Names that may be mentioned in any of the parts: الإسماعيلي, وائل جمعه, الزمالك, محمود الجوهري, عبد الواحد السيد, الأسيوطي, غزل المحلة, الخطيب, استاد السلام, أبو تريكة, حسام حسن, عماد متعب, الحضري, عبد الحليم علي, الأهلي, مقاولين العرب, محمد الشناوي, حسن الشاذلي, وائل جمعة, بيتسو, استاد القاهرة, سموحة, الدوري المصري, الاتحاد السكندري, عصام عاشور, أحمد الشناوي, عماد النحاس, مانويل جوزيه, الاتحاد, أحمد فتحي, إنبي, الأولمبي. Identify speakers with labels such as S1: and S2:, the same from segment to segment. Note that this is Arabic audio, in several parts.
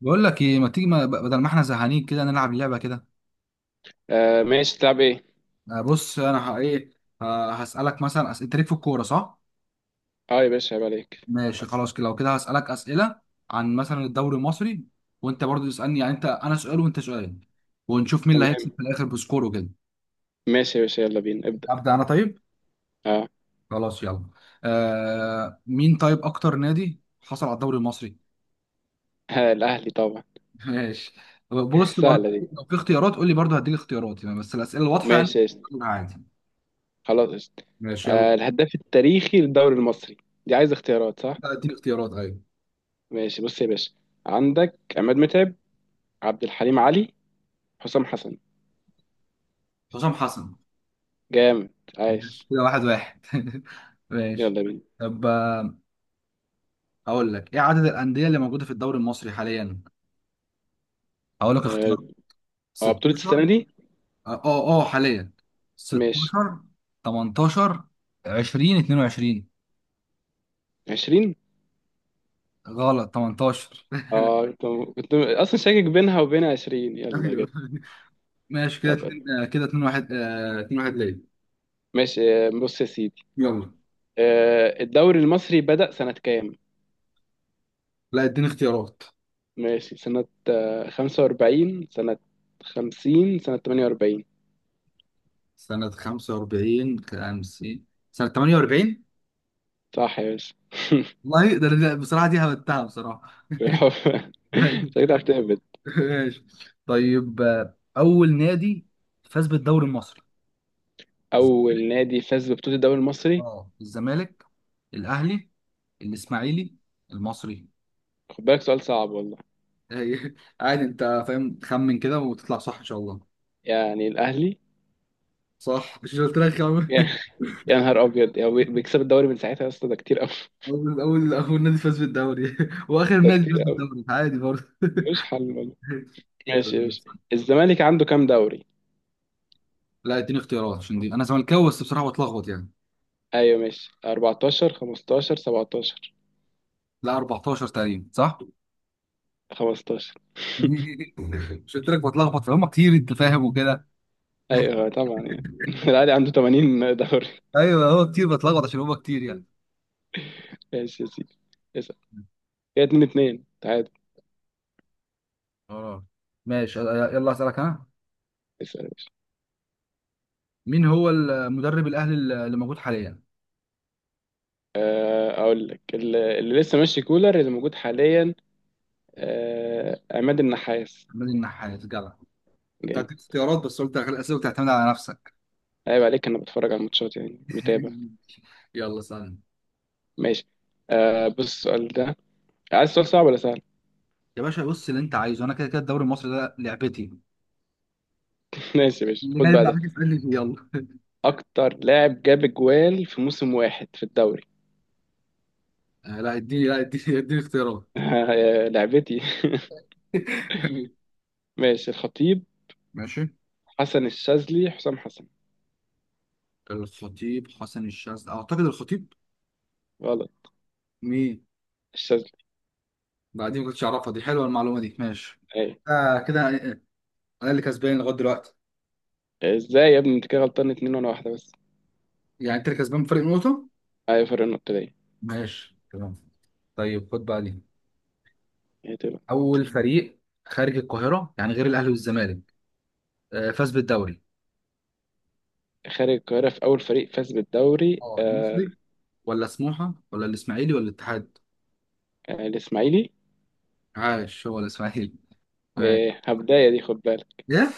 S1: بقول لك ايه، ما تيجي، ما بدل ما احنا زهقانين كده نلعب لعبه كده.
S2: آه، ماشي، تلعب ايه؟
S1: بص انا ه- ايه هسالك مثلا اسئله تاريخ في الكوره صح.
S2: اه يا باشا عيب عليك.
S1: ماشي خلاص كده، لو كده هسالك اسئله عن مثلا الدوري المصري، وانت برضو تسالني، يعني انت انا سؤال وانت سؤال، ونشوف مين اللي هيكسب
S2: تمام.
S1: في الاخر بسكور وكده.
S2: ماشي يا باشا يلا بينا ابدأ.
S1: ابدا انا طيب.
S2: اه.
S1: خلاص يلا. مين طيب اكتر نادي حصل على الدوري المصري؟
S2: ها، الأهلي طبعا.
S1: ماشي. بص برضو
S2: سهلة دي.
S1: لو في اختيارات قول لي، برضو هديك اختيارات، يعني بس الاسئله الواضحه يعني.
S2: ماشي يا اسطى.
S1: عادي.
S2: خلاص قشطة.
S1: ماشي يلا.
S2: آه الهداف التاريخي للدوري المصري، دي عايز اختيارات صح؟
S1: لا، اديني اختيارات ايوه.
S2: ماشي بص يا باشا، عندك عماد متعب، عبد الحليم علي، حسام حسن،
S1: حسام حسن.
S2: جامد،
S1: ماشي
S2: عايش.
S1: كده، واحد واحد. ماشي.
S2: يلا بينا.
S1: طب هقول لك ايه عدد الأندية اللي موجودة في الدوري المصري حاليا. هقول لك
S2: اه.
S1: اختيار.
S2: بطولة
S1: 16.
S2: السنة دي؟
S1: حاليا.
S2: ماشي.
S1: 16، 18، 20، 22.
S2: 20.
S1: غلط، 18.
S2: اه كنت أصلا شاكك بينها وبين 20 يلا
S1: ايوه.
S2: جت.
S1: ماشي كده،
S2: طب
S1: كده 2 1، 2 1 ليا.
S2: ماشي. بص يا سيدي،
S1: يلا.
S2: الدوري المصري بدأ سنة كام؟
S1: لا، اديني اختيارات.
S2: ماشي سنة 45 سنة، 50 سنة، 48.
S1: سنة 45، 50. سنة 48.
S2: صح يا باشا.
S1: والله بصراحة دي هبتها بصراحة.
S2: بالحب. شكلك عرفت تهبد.
S1: ماشي. طيب اول نادي فاز بالدوري المصري.
S2: أول نادي فاز ببطولة الدوري المصري؟
S1: اه، الزمالك، الاهلي، الاسماعيلي، المصري.
S2: خد بالك سؤال صعب والله.
S1: هي- عادي انت فاهم، تخمن كده وتطلع صح ان شاء الله.
S2: يعني الأهلي.
S1: صح، مش قلت لك خمن؟
S2: يا نهار أبيض، يعني بيكسب الدوري من ساعتها يا اسطى، ده كتير أوي.
S1: اول نادي فاز بالدوري واخر
S2: ده
S1: نادي
S2: كتير
S1: فاز
S2: أوي،
S1: بالدوري عادي برضه.
S2: ملوش حل والله. ماشي ماشي. الزمالك عنده كام دوري؟
S1: لا، اديني اختيارات، عشان دي انا زملكاوي بس بصراحه بتلخبط يعني.
S2: أيوه ماشي، 14، 15، 17.
S1: لا، 14 تقريبا صح؟
S2: 15.
S1: مش قلت لك بتلخبط؟ فهم كتير انت، فاهم وكده.
S2: ايوه طبعا يعني. الاهلي عنده 80 دوري.
S1: ايوه هو كتير بتلخبط عشان هما كتير يعني.
S2: ماشي يا سيدي. اسال. كده 2 2 تعادل.
S1: اه ماشي يلا، اسالك انا.
S2: اسال يا باشا.
S1: مين هو المدرب الاهلي اللي موجود حاليا؟
S2: آه، اقول لك اللي لسه ماشي كولر اللي موجود حاليا. آه، عماد النحاس.
S1: عماد النحاس جدع. كنت
S2: جامد.
S1: هديك اختيارات بس قلت اخلي الاسئله وتعتمد على نفسك.
S2: عيب عليك، انا بتفرج على الماتشات يعني، متابع.
S1: يلا سلام.
S2: ماشي. آه، بص السؤال ده، عايز سؤال صعب ولا سهل؟
S1: يا باشا بص، اللي انت عايزه، انا كده كده الدوري المصري ده لعبتي.
S2: ماشي يا باشا،
S1: اللي
S2: خد
S1: جاي من
S2: بقى ده.
S1: عليك اسالني فيه يلا.
S2: اكتر لاعب جاب اجوال في موسم واحد في الدوري.
S1: آه لا اديني لا اديني اديني اختيارات.
S2: آه، لعبتي. ماشي، الخطيب،
S1: ماشي.
S2: حسن الشاذلي، حسام حسن.
S1: الخطيب، حسن الشاذلي، اعتقد الخطيب.
S2: غلط.
S1: مين مين؟
S2: الشاذلي.
S1: بعدين. ما كنتش اعرفها دي، حلوه المعلومه دي، ماشي.
S2: اي.
S1: آه كده. انا اللي كسبان لغايه دلوقتي.
S2: ازاي يا ابني، انت كده غلطان اتنين وانا واحدة بس.
S1: يعني انت اللي كسبان بفرق نقطه.
S2: ايوه فرق النقطة ليا.
S1: ماشي تمام. طيب خد بقى دي.
S2: هي تبقى
S1: اول فريق خارج القاهره، يعني غير الاهلي والزمالك، فاز بالدوري.
S2: خارج القاهرة في أول فريق فاز بالدوري.
S1: اه،
S2: آه.
S1: المصري ولا سموحه ولا الاسماعيلي ولا الاتحاد؟
S2: آه الإسماعيلي.
S1: عاش، هو الاسماعيلي. ماشي.
S2: آه هبداية دي خد بالك،
S1: ايه؟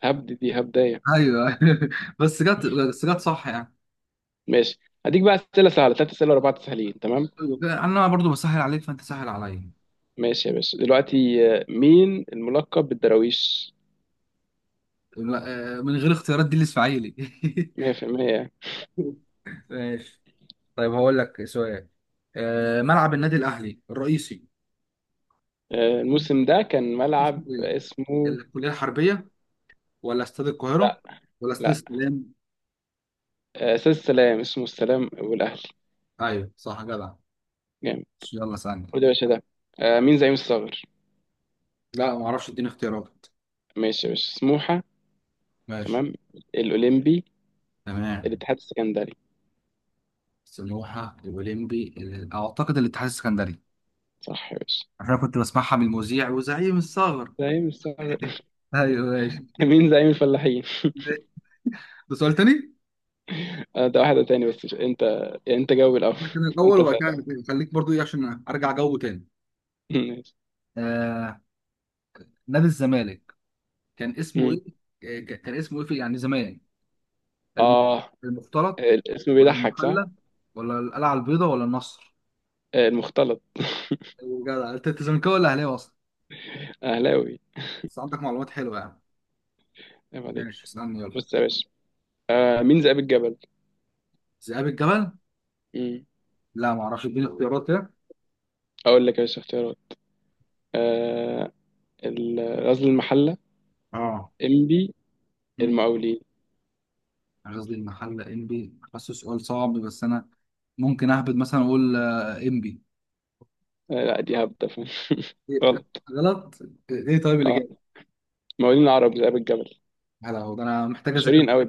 S2: هبد دي هبداية.
S1: ايوه. بس جت، بس جت صح يعني.
S2: ماشي، هديك بقى أسئلة سهلة، تلات أسئلة ورا بعض سهلين، تمام؟
S1: أيوة، انا برضو بسهل عليك فانت سهل عليا.
S2: ماشي يا باشا، دلوقتي آه مين الملقب بالدراويش؟
S1: لا، من غير اختيارات دي الاسماعيلي.
S2: 100%.
S1: ماشي. طيب هقول لك سؤال. ملعب النادي الاهلي الرئيسي
S2: آه الموسم ده كان
S1: اسمه
S2: ملعب
S1: ايه؟
S2: اسمه.
S1: الكلية الحربية، ولا استاد
S2: لا.
S1: القاهرة، ولا استاد
S2: لا.
S1: السلام؟
S2: آه أستاذ السلام، اسمه السلام والأهلي.
S1: ايوه صح جدع.
S2: جامد.
S1: يلا ثانية.
S2: خد يا باشا ده، آه مين زعيم الصغر؟
S1: لا ما اعرفش، اديني اختيارات.
S2: ماشي يا باشا، سموحة،
S1: ماشي
S2: تمام، الأولمبي،
S1: تمام.
S2: الاتحاد السكندري.
S1: سموحة، الأولمبي، أعتقد الاتحاد السكندري.
S2: صح يا باشا.
S1: عشان كنت بسمعها من المذيع، وزعيم الثغر.
S2: زعيم الثغر.
S1: ايوه ماشي.
S2: مين زعيم الفلاحين؟
S1: ده سؤال تاني؟
S2: آه، ده واحدة تاني، بس مش انت، انت جاوب الأول.
S1: ده كان الأول
S2: انت
S1: وبعد
S2: سأل
S1: كده
S2: الأول.
S1: الاثنين. خليك برضو إيه عشان أرجع جو تاني.
S2: ماشي.
S1: آه نادي الزمالك كان اسمه
S2: مم.
S1: إيه؟ كان اسمه إيه في يعني زمان؟ الم-
S2: اه.
S1: المختلط،
S2: الاسم
S1: ولا
S2: بيضحك صح؟
S1: المحلة، ولا القلعة البيضاء، ولا النصر؟
S2: آه، المختلط.
S1: أيوة جدع. انت أنت زملكاوي ولا اهلاوي اصلا؟
S2: أهلاوي.
S1: بس عندك معلومات حلوة يعني.
S2: عيب عليك.
S1: ماشي اسألني يلا.
S2: بص يا باشا، آه، مين ذئاب الجبل؟
S1: ذئاب الجبل.
S2: مم.
S1: لا ما اعرفش، اديني اختيارات كده.
S2: أقول لك يا باشا اختيارات، آه، غزل المحلة،
S1: اه.
S2: إنبي،
S1: امم
S2: المقاولين.
S1: أنا قصدي المحلة، انبي، حاسه سؤال صعب، بس انا ممكن اهبد مثلا اقول انبي.
S2: آه لا دي هبدة.
S1: إيه،
S2: غلط.
S1: غلط. ايه طيب اللي
S2: اه
S1: جاي.
S2: مقاولين العرب، ذئاب الجبل،
S1: هلا، هو ده، انا محتاج اذاكر.
S2: مشهورين قوي.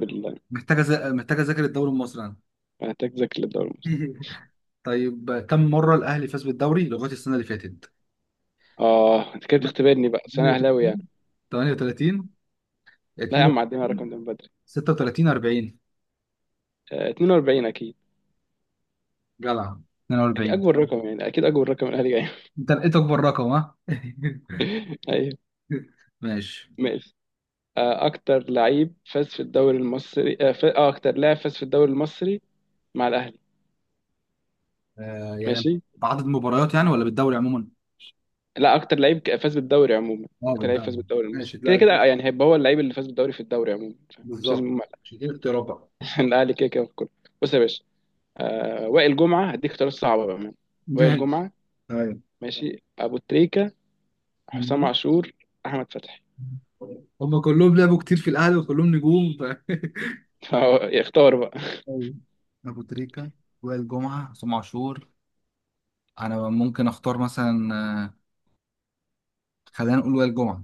S1: محتاج اذاكر الدوري المصري انا.
S2: محتاج ذاكر للدوري المصري.
S1: طيب كم مرة الاهلي فاز بالدوري لغاية السنة اللي فاتت؟
S2: اه انت كده
S1: 38،
S2: بتختبرني بقى، بس انا اهلاوي يعني.
S1: 38،
S2: لا يا عم، عدينا على
S1: 32،
S2: الرقم ده من بدري.
S1: 36، 40.
S2: آه 42 اكيد.
S1: جدع، 42.
S2: اكبر رقم يعني، اكيد اكبر رقم الاهلي جاي.
S1: انت لقيت اكبر رقم ها؟
S2: ايوه.
S1: ماشي.
S2: ماشي. آه اكتر لعيب فاز في الدوري المصري، اه آه، اكتر لاعب فاز في الدوري المصري مع الاهلي.
S1: آه يعني،
S2: ماشي.
S1: بعدد مباريات يعني ولا بالدوري عموما؟
S2: لا اكتر لعيب فاز بالدوري عموما،
S1: اه
S2: اكتر لعيب فاز
S1: بالدوري.
S2: بالدوري
S1: ماشي
S2: المصري كده
S1: لا،
S2: كده يعني، هيبقى هو اللعيب اللي فاز بالدوري في الدوري عموما، فاهم؟ مش لازم
S1: بالظبط. مش دي اختيارات بقى؟
S2: الاهلي كده كده في الكوره. بص يا باشا، آه وائل جمعه، هديك اختيارات صعبه بقى. وائل
S1: ماشي.
S2: جمعه،
S1: ايوه.
S2: ماشي، ابو تريكه، حسام
S1: مم.
S2: عاشور، احمد فتحي.
S1: هم كلهم لعبوا كتير في الاهلي وكلهم نجوم ف...
S2: فهو اختار بقى.
S1: أيوة. ابو تريكة، وائل جمعة، عصام عاشور. انا ممكن اختار مثلا، آه، خلينا نقول وائل جمعة.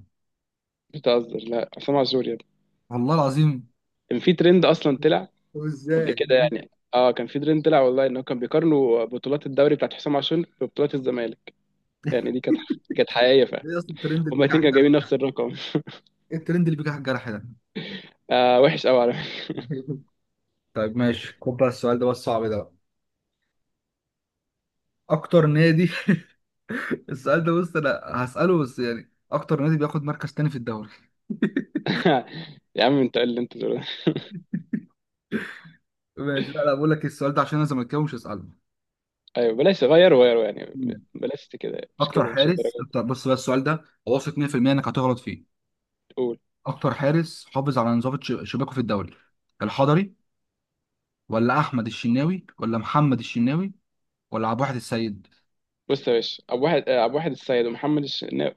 S2: بتهزر، لا حسام عاشور يا ابني.
S1: والله العظيم.
S2: كان في ترند اصلا طلع،
S1: طب
S2: قبل
S1: ازاي؟
S2: كده يعني، اه كان في ترند طلع والله، انه كان بيقارنوا بطولات الدوري بتاعت حسام عاشور ببطولات الزمالك. يعني دي كانت كانت حقيقيه فعلا.
S1: ايه اصلا الترند اللي
S2: هما
S1: بيجي
S2: الاثنين
S1: على
S2: كانوا جايبين
S1: الجرح؟
S2: نفس الرقم.
S1: ايه الترند اللي بيجي على الجرح ده؟
S2: آه وحش قوي على فكرة.
S1: طيب ماشي خد بقى السؤال ده، بس صعب ده بقى. اكتر نادي. السؤال ده بص، انا هسأله بس، يعني اكتر نادي بياخد مركز تاني في الدوري.
S2: يا عم انت إيه اللي انت تقوله ده.
S1: ماشي لا لا، بقول لك السؤال ده عشان انا زملكاوي مش هسأله.
S2: ايوه بلاش، غير غير يعني،
S1: مم.
S2: بلاش كده، مش
S1: اكتر
S2: كده، مش
S1: حارس،
S2: الدرجه دي.
S1: اكتر بص بقى، السؤال ده واثق 100% انك هتغلط فيه.
S2: قول.
S1: اكتر حارس حافظ على نظافة شباكه في الدوري؟ الحضري، ولا احمد الشناوي، ولا محمد الشناوي، ولا عبد الواحد السيد؟
S2: بص يا باشا، ابو واحد، ابو واحد السيد ومحمد الشناوي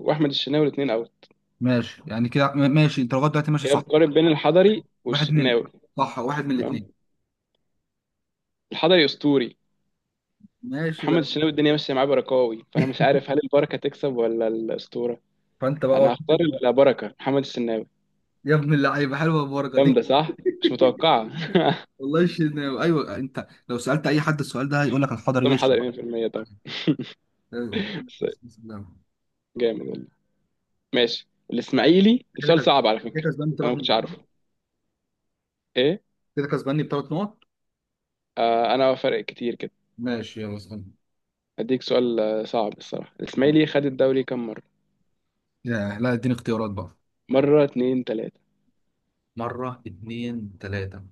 S2: واحمد الشناوي، الاثنين اوت.
S1: ماشي يعني كده ماشي. انت لغايه دلوقتي ماشي
S2: كده
S1: صح.
S2: بتقارن بين الحضري
S1: واحد من
S2: والشناوي.
S1: صح واحد من
S2: تمام.
S1: الاثنين.
S2: الحضري اسطوري،
S1: ماشي
S2: محمد
S1: بقى.
S2: الشناوي الدنيا ماشيه معاه بركاوي، فانا مش عارف هل البركه تكسب ولا الاسطوره.
S1: فانت بقى
S2: انا
S1: شوف
S2: هختار
S1: انت بقى.
S2: البركه، محمد الشناوي.
S1: يا ابن اللعيبه، حلوه البركه دي.
S2: جامده صح، مش متوقعه.
S1: والله ايوه، انت لو سالت اي حد السؤال ده هيقول لك الحضري
S2: طبعا
S1: وش.
S2: الحضري 100% طبعا.
S1: ايوه.
S2: بس.
S1: بسم الله.
S2: جامد والله. ماشي،
S1: لا،
S2: الاسماعيلي ده
S1: كده
S2: سؤال
S1: كسب-
S2: صعب على
S1: كده
S2: فكره.
S1: كسبان
S2: انا
S1: بثلاث
S2: ما
S1: نقط
S2: كنتش
S1: صح؟
S2: عارفه. ايه.
S1: كده كسباني بثلاث نقط.
S2: آه انا فرق كتير كده.
S1: ماشي يلا اسالني.
S2: اديك سؤال آه، صعب الصراحه، الاسماعيلي خد الدوري كام مره؟
S1: يا لا، اديني اختيارات بقى.
S2: مره، اتنين، تلاته.
S1: مرة، اتنين، تلاتة.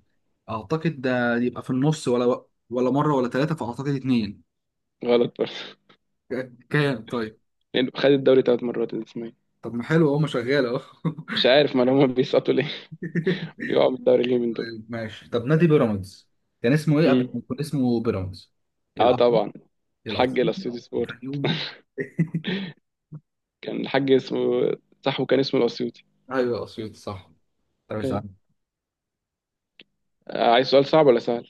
S1: أعتقد ده يبقى في النص، ولا مرة ولا تلاتة، فأعتقد اتنين.
S2: غلط برضه.
S1: كام طيب؟
S2: لأنه خد الدوري تلات مرات الاسماعيلي.
S1: طب ما حلو اهو، ما شغال اهو.
S2: مش عارف ما هم بيسقطوا ليه، بيقعوا من الدوري ليه من دول.
S1: طيب ماشي. طب نادي بيراميدز كان اسمه ايه قبل
S2: مم.
S1: ما يكون اسمه بيراميدز؟
S2: اه
S1: الأهلي،
S2: طبعا. الحاج
S1: الأسيوطي،
S2: الاسيوطي سبورت.
S1: الفيوم.
S2: كان الحاج اسمه، صح، وكان اسمه الاسيوطي.
S1: ايوه الأسيوطي صح. طب
S2: أيوة.
S1: اسأل.
S2: آه، عايز سؤال صعب ولا سهل؟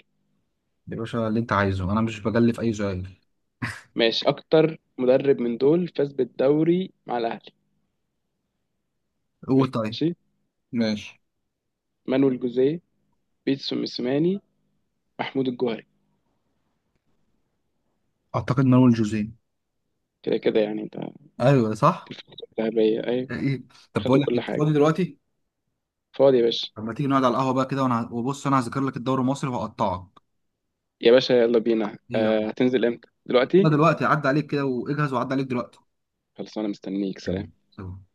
S1: يا باشا اللي انت عايزه، انا مش بجلف اي سؤال.
S2: ماشي، اكتر مدرب من دول فاز بالدوري مع الاهلي.
S1: قول طيب.
S2: ماشي.
S1: ماشي.
S2: مانويل جوزيه، بيتسو موسيماني، محمود الجوهري.
S1: اعتقد مانويل جوزيه.
S2: كده كده يعني انت.
S1: ايوه
S2: في
S1: صح.
S2: الفترة الذهبية، ايوه.
S1: ايه. طب
S2: خدوا
S1: بقول لك،
S2: كل
S1: انت
S2: حاجة.
S1: فاضي دلوقتي؟
S2: فاضي يا باشا.
S1: طب ما تيجي نقعد على القهوه بقى كده، وانا وبص، انا هذاكر لك الدوري المصري وهقطعك.
S2: يا باشا يلا بينا،
S1: يلا.
S2: آه هتنزل امتى،
S1: يلا
S2: دلوقتي؟
S1: دلوقتي عدى عليك كده واجهز، وعدى عليك دلوقتي.
S2: خلاص انا مستنيك، سلام.
S1: سلام.